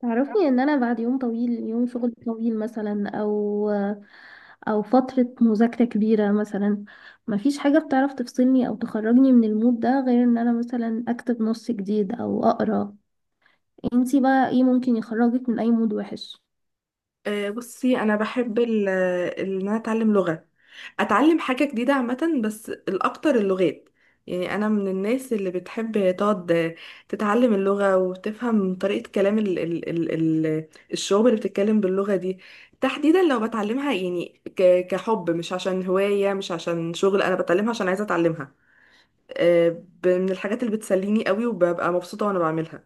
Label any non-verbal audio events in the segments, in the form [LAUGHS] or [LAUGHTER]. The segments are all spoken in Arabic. تعرفي ان انا بعد يوم طويل، يوم شغل طويل مثلا، او فترة مذاكرة كبيرة مثلا، مفيش حاجة بتعرف تفصلني او تخرجني من المود ده غير ان انا مثلا اكتب نص جديد او اقرا. انتي بقى ايه ممكن يخرجك من اي مود وحش؟ بصي انا بحب ان انا اتعلم لغه. اتعلم حاجه جديده عامه، بس الاكتر اللغات. يعني انا من الناس اللي بتحب تقعد تتعلم اللغه وتفهم طريقه كلام ال ال ال ال الشعوب اللي بتتكلم باللغه دي، تحديدا لو بتعلمها يعني كحب، مش عشان هوايه مش عشان شغل، انا بتعلمها عشان عايزه اتعلمها. آه، من الحاجات اللي بتسليني قوي وببقى مبسوطه وانا بعملها.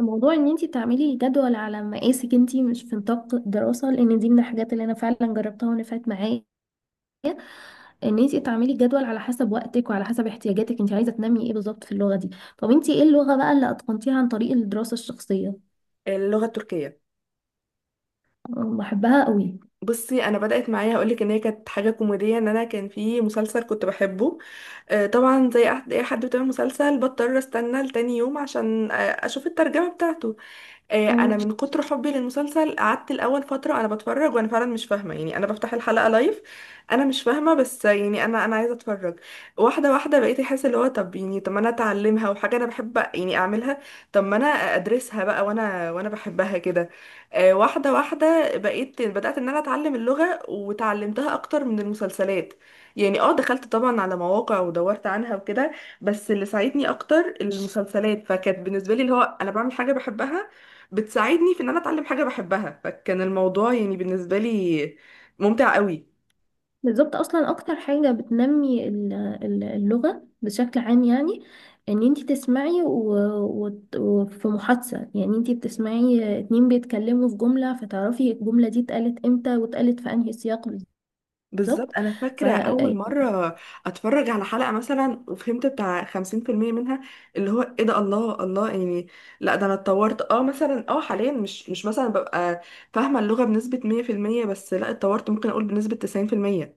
الموضوع ان انتي تعملي جدول على مقاسك انتي، مش في نطاق دراسة، لان دي من الحاجات اللي انا فعلا جربتها ونفعت معايا. ان انت تعملي جدول على حسب وقتك وعلى حسب احتياجاتك، انت عايزه تنمي ايه بالظبط في اللغه دي. طب انت ايه اللغه بقى اللي اتقنتيها عن طريق الدراسه الشخصيه؟ اللغه التركيه. أه، بحبها قوي. بصي انا بدات معايا، هقولك ان هي كانت حاجه كوميديه، ان انا كان في مسلسل كنت بحبه. آه، طبعا زي اي حد بتابع مسلسل بضطر استنى لتاني يوم عشان اشوف الترجمه بتاعته. آه، اه انا من كتر حبي للمسلسل قعدت الاول فتره انا بتفرج وانا فعلا مش فاهمه، يعني انا بفتح الحلقه لايف، انا مش فاهمه، بس يعني انا عايزه اتفرج. واحده واحده بقيت احس اللي هو طب يعني، طب ما انا اتعلمها وحاجه انا بحب يعني اعملها، طب ما انا ادرسها بقى وانا بحبها كده. آه، واحده واحده بقيت بدات ان انا اتعلم اللغه، وتعلمتها اكتر من المسلسلات، يعني اه دخلت طبعا على مواقع ودورت عنها وكده، بس اللي ساعدني اكتر المسلسلات، فكانت بالنسبه لي اللي هو انا بعمل حاجه بحبها بتساعدني في ان انا اتعلم حاجه بحبها، فكان الموضوع يعني بالنسبه لي ممتع قوي. بالظبط، اصلا اكتر حاجه بتنمي اللغه بشكل عام، يعني ان انت تسمعي وفي محادثه، يعني انت بتسمعي اتنين بيتكلموا في جمله، فتعرفي الجمله دي اتقالت امتى واتقالت في انهي سياق. بالظبط. بالظبط. انا ف فاكره اول يعني مره اتفرج على حلقه مثلا وفهمت بتاع 50% منها، اللي هو ايه ده، الله الله يعني. لا ده انا اتطورت، اه مثلا اه حاليا مش مثلا ببقى فاهمه اللغه بنسبه 100%، بس لا اتطورت، ممكن اقول بنسبه 90%،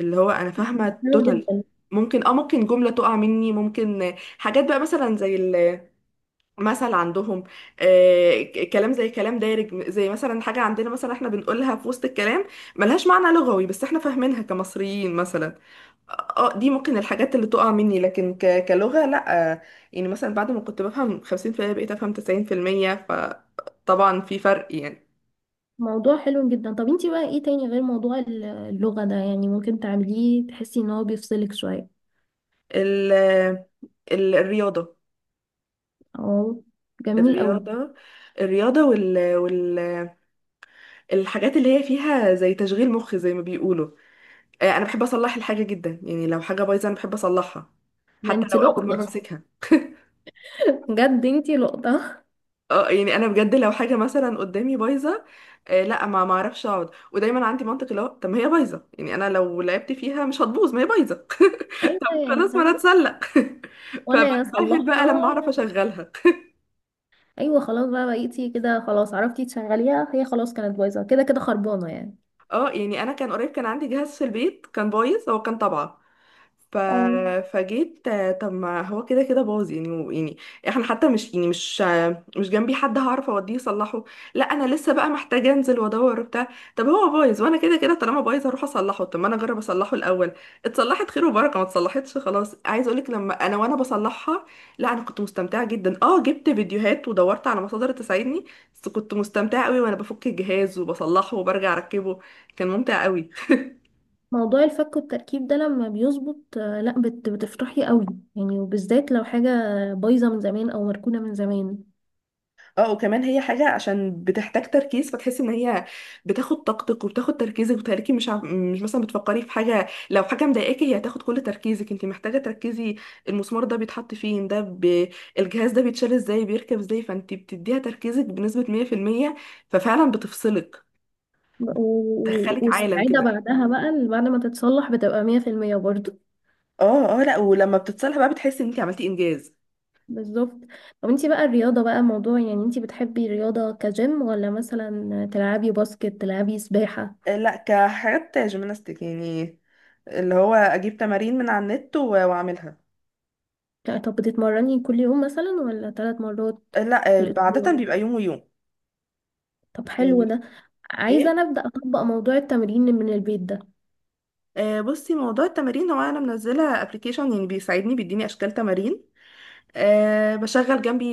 اللي هو انا فاهمه حلو توتال. جدا. ممكن ممكن جمله تقع مني، ممكن حاجات بقى مثلا زي مثل عندهم. آه، كلام زي كلام دارج، زي مثلا حاجة عندنا مثلا احنا بنقولها في وسط الكلام، ملهاش معنى لغوي بس احنا فاهمينها كمصريين مثلا. اه. آه، دي ممكن الحاجات اللي تقع مني، لكن كلغة لا. آه، يعني مثلا بعد ما كنت بفهم 50% بقيت افهم 90%، فطبعا في فرق يعني. موضوع حلو جدا. طب انتي بقى ايه تاني غير موضوع اللغة ده يعني ممكن تعمليه تحسي ان هو بيفصلك شوية؟ ال الرياضة. اه جميل قوي. الرياضة. الرياضة والحاجات اللي هي فيها زي تشغيل مخ زي ما بيقولوا. آه، انا بحب اصلح الحاجه جدا، يعني لو حاجه بايظه انا بحب اصلحها، ده حتى لو انتي اول مره لقطة، امسكها. بجد انتي لقطة. اه، يعني انا بجد لو حاجه مثلا قدامي بايظه، آه لا ما اعرفش اقعد، ودايما عندي منطق اللي هو طب ما هي بايظه، يعني انا لو لعبت فيها مش هتبوظ، ما هي بايظه. ايوه [LAUGHS] يا خلاص ما انا حبيبتي. اتسلق. [LAUGHS] وانا فبنبهر بقى اصلحها. لما اعرف اشغلها. ايوه خلاص بقى، بقيتي كده خلاص عرفتي تشغليها، هي خلاص كانت بايظة كده كده، خربانة يعني. [LAUGHS] اه، يعني انا كان قريب كان عندي جهاز في البيت كان بايظ، هو كان طبعه. ف... اه فجيت طب ما هو كده كده باظ يعني، يعني احنا حتى مش يعني مش جنبي حد هعرف اوديه يصلحه، لا انا لسه بقى محتاجه انزل وادور وبتاع. طب هو بايظ وانا كده كده طالما بايظ هروح اصلحه، طب ما انا اجرب اصلحه الاول، اتصلحت خير وبركه، ما اتصلحتش خلاص. عايز اقولك لما انا بصلحها، لا انا كنت مستمتعه جدا، اه جبت فيديوهات ودورت على مصادر تساعدني، بس كنت مستمتعه قوي وانا بفك الجهاز وبصلحه وبرجع اركبه، كان ممتع قوي. موضوع الفك والتركيب ده لما بيظبط آه، لا بتفرحي قوي، يعني وبالذات لو حاجة بايظة من زمان او مركونة من زمان. اه، وكمان هي حاجة عشان بتحتاج تركيز، فتحس ان هي بتاخد طاقتك وبتاخد تركيزك وتهلكي، مش مثلا بتفكري في حاجة، لو حاجة مضايقاكي هي هتاخد كل تركيزك، انت محتاجة تركزي. المسمار ده بيتحط فين ده الجهاز ده بيتشال ازاي، بيركب ازاي، فانت بتديها تركيزك بنسبة 100%، ففعلا بتفصلك، بتدخلك عالم والسعادة كده. بعدها بقى، بعد ما تتصلح بتبقى مية في المية برضه. اه، اه، لا، ولما بتتصالح بقى بتحسي ان انت عملتي انجاز. بالظبط. طب انتي بقى الرياضة بقى موضوع، يعني انتي بتحبي الرياضة كجيم ولا مثلا تلعبي باسكت، تلعبي سباحة؟ آه، لا كحاجات جيمناستيك يعني، اللي هو اجيب تمارين من على النت واعملها. لا، طب بتتمرني كل يوم مثلا ولا ثلاث مرات لا. في آه، عادة الأسبوع؟ بيبقى يوم ويوم. طب حلو يعني. ده، عايزة ايه. أنا أبدأ أطبق موضوع التمرين من البيت ده. آه، بصي موضوع التمارين هو انا منزله ابلكيشن يعني بيساعدني بيديني اشكال تمارين. أه. بشغل جنبي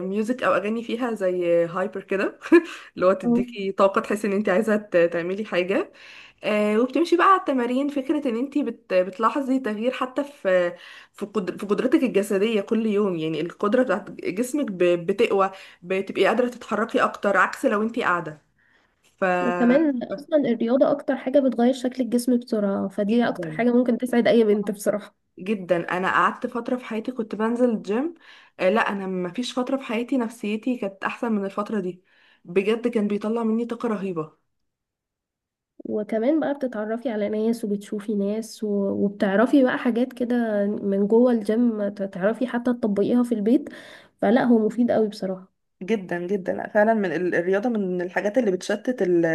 ميوزك او اغاني فيها زي هايبر كده، [LAUGHS] اللي هو أه. تديكي طاقه تحسي ان انت عايزه تعملي حاجه. أه، وبتمشي بقى على التمارين، فكره ان انت بتلاحظي تغيير حتى في في قدر في قدرتك الجسديه كل يوم، يعني القدره بتاعت جسمك بتقوى، بتبقي قادره تتحركي اكتر عكس لو انت قاعده. ف وكمان أصلا الرياضة أكتر حاجة بتغير شكل الجسم بسرعة، فدي أكتر جدا حاجة ممكن تسعد أي بنت بصراحة. جدا، انا قعدت فتره في حياتي كنت بنزل الجيم. آه، لا، انا ما فيش فتره في حياتي نفسيتي كانت احسن من الفتره دي، بجد كان بيطلع مني طاقه رهيبه. وكمان بقى بتتعرفي على ناس وبتشوفي ناس، وبتعرفي بقى حاجات كده من جوه الجيم تعرفي حتى تطبقيها في البيت. فلا هو مفيد قوي بصراحة. جدا جدا. لأ، فعلا من الرياضة، من الحاجات اللي بتشتت ال-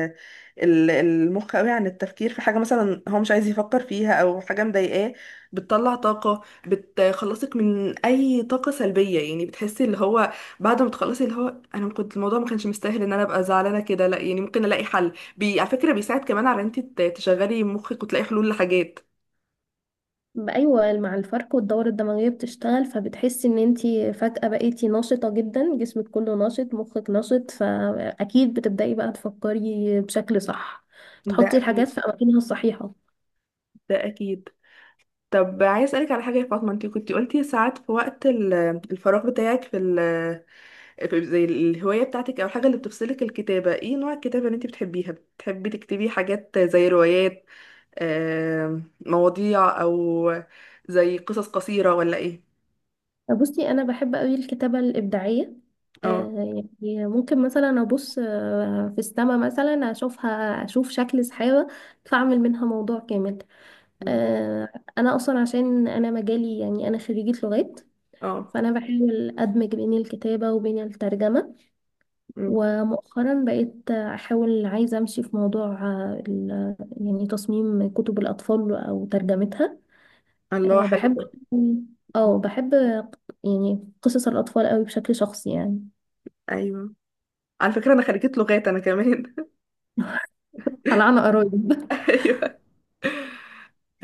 ال- المخ قوي، عن التفكير في حاجة مثلا هو مش عايز يفكر فيها او حاجة مضايقاه، بتطلع طاقة، بتخلصك من اي طاقة سلبية، يعني بتحسي اللي هو بعد ما تخلصي اللي هو، انا كنت الموضوع ما كانش مستاهل ان انا ابقى زعلانة كده، لا يعني ممكن الاقي حل، بي، على فكرة بيساعد كمان على ان انت تشغلي مخك وتلاقي حلول لحاجات. بقى ايوه، مع الفرق والدورة الدموية بتشتغل، فبتحسي ان انتي فجأة بقيتي نشطة جدا، جسمك كله نشط، مخك نشط، فاكيد بتبدأي بقى تفكري بشكل صح، ده تحطي أكيد. الحاجات في اماكنها الصحيحة. ده أكيد. طب عايز أسألك على حاجة يا فاطمة، أنت كنت قلتي ساعات في وقت الفراغ بتاعك، في زي الهواية بتاعتك أو الحاجة اللي بتفصلك، الكتابة، ايه نوع الكتابة اللي انت بتحبيها؟ بتحبي تكتبي حاجات زي روايات، مواضيع، أو زي قصص قصيرة، ولا ايه؟ بصي انا بحب قوي الكتابه الابداعيه. اه. آه، يعني ممكن مثلا ابص آه، في السما مثلا اشوفها، اشوف شكل سحابه فاعمل منها موضوع كامل. مم. آه، انا اصلا عشان انا مجالي، يعني انا خريجه لغات، اه. فانا بحاول ادمج بين الكتابه وبين الترجمه. مم. ومؤخرا بقيت احاول عايزه امشي في موضوع آه، يعني تصميم كتب الاطفال او ترجمتها. الله أه حلو بحب، ده. اه بحب يعني قصص الأطفال قوي بشكل شخصي يعني. ايوه، على فكرة أنا خريجة لغات أنا كمان. طلعنا قرايب [LAUGHS] ايوه.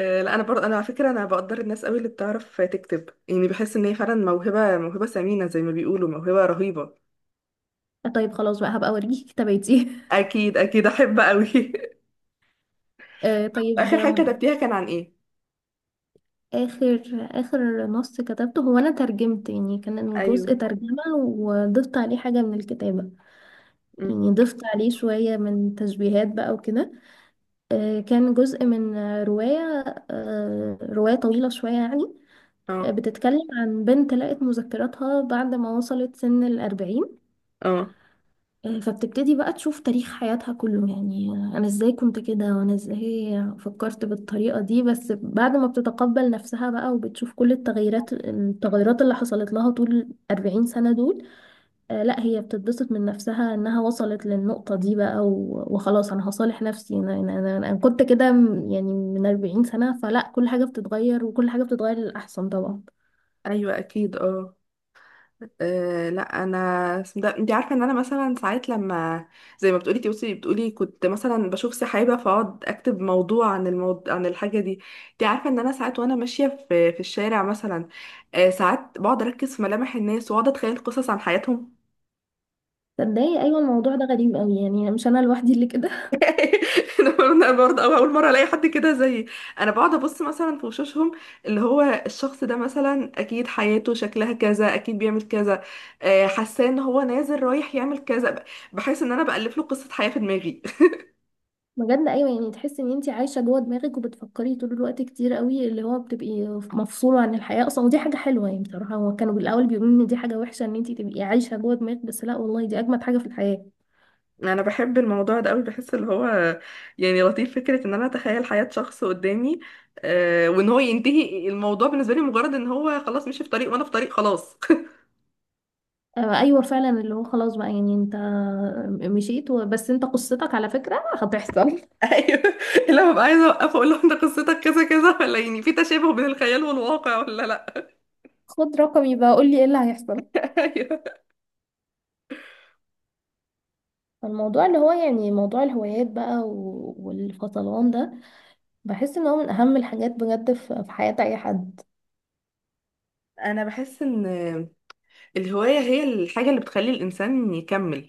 آه، لا انا برضه، انا على فكره انا بقدر الناس قوي اللي بتعرف تكتب، يعني بحس ان هي فعلا موهبه ثمينه زي ما بيقولوا، موهبه رهيبه. [LAUGHS] طيب خلاص بقى هبقى أوريكي [LAUGHS] كتاباتي. اكيد اكيد احب قوي. [LAUGHS] أه طيب اخر حاجه أم، كتبتيها كان عن ايه؟ آخر آخر نص كتبته هو أنا ترجمت، يعني كان ايوه. جزء ترجمة وضفت عليه حاجة من الكتابة. أم. يعني ضفت عليه شوية من تشبيهات بقى وكده. أه كان جزء من رواية، أه رواية طويلة شوية يعني. اه. آه، بتتكلم عن بنت لقت مذكراتها بعد ما وصلت سن الأربعين. اه. آه، فبتبتدي بقى تشوف تاريخ حياتها كله، يعني آه، انا ازاي كنت كده وانا ازاي فكرت بالطريقة دي. بس بعد ما بتتقبل نفسها بقى، وبتشوف كل التغيرات اللي حصلت لها طول 40 سنة دول، آه، لا هي بتتبسط من نفسها انها وصلت للنقطة دي بقى. وخلاص انا هصالح نفسي، انا أنا كنت كده يعني من 40 سنة، فلا كل حاجة بتتغير، وكل حاجة بتتغير للأحسن طبعا. ايوه. اكيد. اه. آه، لا انا، اسم ده انت عارفه ان انا مثلا ساعات لما، زي ما بتقولي توصي بتقولي، كنت مثلا بشوف سحابه فاقعد اكتب موضوع عن الموضوع عن الحاجه دي. انت عارفه ان انا ساعات وانا ماشيه في الشارع مثلا، آه، ساعات بقعد اركز في ملامح الناس واقعد اتخيل قصص عن حياتهم. تصدقي ايوه الموضوع ده غريب قوي، يعني مش انا لوحدي اللي كده. [LAUGHS] انا برضه، أو اول مره الاقي حد كده زيي، انا بقعد ابص مثلا في وشوشهم، اللي هو الشخص ده مثلا اكيد حياته شكلها كذا، اكيد بيعمل كذا. آه، حاساه ان هو نازل رايح يعمل كذا بحس ان انا بالف له قصه حياه في دماغي. بجد ايوه، يعني تحس ان انت عايشه جوه دماغك وبتفكري طول الوقت كتير قوي، اللي هو بتبقي مفصوله عن الحياه اصلا، ودي حاجه حلوه يعني. بصراحه هو كانوا بالاول بيقولوا ان دي حاجه وحشه ان انت تبقي عايشه جوه دماغك، بس لا والله دي اجمد حاجه في الحياه. [LAUGHS] انا بحب الموضوع ده قوي، بحس اللي هو، يعني لطيف فكره ان انا اتخيل حياه شخص قدامي. آه، وان هو ينتهي الموضوع بالنسبه لي مجرد ان هو خلاص، مشي في طريق وانا في طريق خلاص. آه ايوه فعلا، اللي هو خلاص بقى يعني انت مشيت. بس انت قصتك على فكره هتحصل [LAUGHS] [LAUGHS] ايوه، اللي أنا ببقى عايزه اوقفه اقول لهم ده قصتك كذا كذا، ولا يعني في تشابه بين الخيال والواقع ولا لا. خد رقمي بقى قول لي ايه اللي هيحصل. [LAUGHS] ايوه. الموضوع اللي هو يعني موضوع الهوايات بقى والفصلان ده بحس ان هو من اهم الحاجات بجد في في حياه اي حد. انا بحس ان الهوايه هي الحاجه اللي بتخلي الانسان يكمل،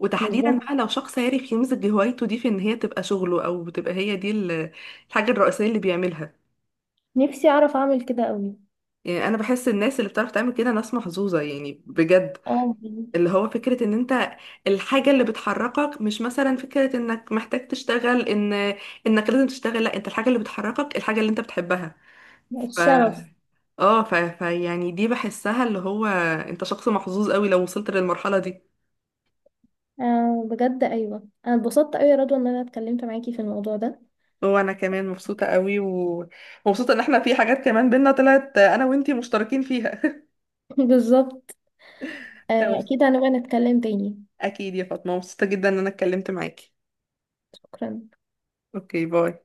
وتحديدا بالظبط. بقى لو شخص عارف يمزج هوايته دي في ان هي تبقى شغله، او بتبقى هي دي الحاجه الرئيسيه اللي بيعملها. نفسي اعرف اعمل كده قوي. يعني انا بحس الناس اللي بتعرف تعمل كده ناس محظوظه، يعني بجد، اه اللي هو فكرة ان انت الحاجة اللي بتحركك، مش مثلا فكرة انك محتاج تشتغل، انك لازم تشتغل، لا، انت الحاجة اللي بتحركك الحاجة اللي انت بتحبها. ف الشغف. اه ف... ف يعني دي بحسها اللي هو انت شخص محظوظ قوي لو وصلت للمرحلة دي. آه بجد ايوه انا اتبسطت قوي يا رضوى ان انا اتكلمت معاكي في الموضوع ده. وانا كمان مبسوطة قوي ومبسوطة ان احنا في حاجات كمان بينا طلعت انا وانتي مشتركين فيها. [LAUGHS] بالظبط. آه اكيد [LAUGHS] هنبقى نتكلم تاني. اكيد يا فاطمة، مبسوطة جدا ان انا اتكلمت معاكي. شكرا. اوكي، باي.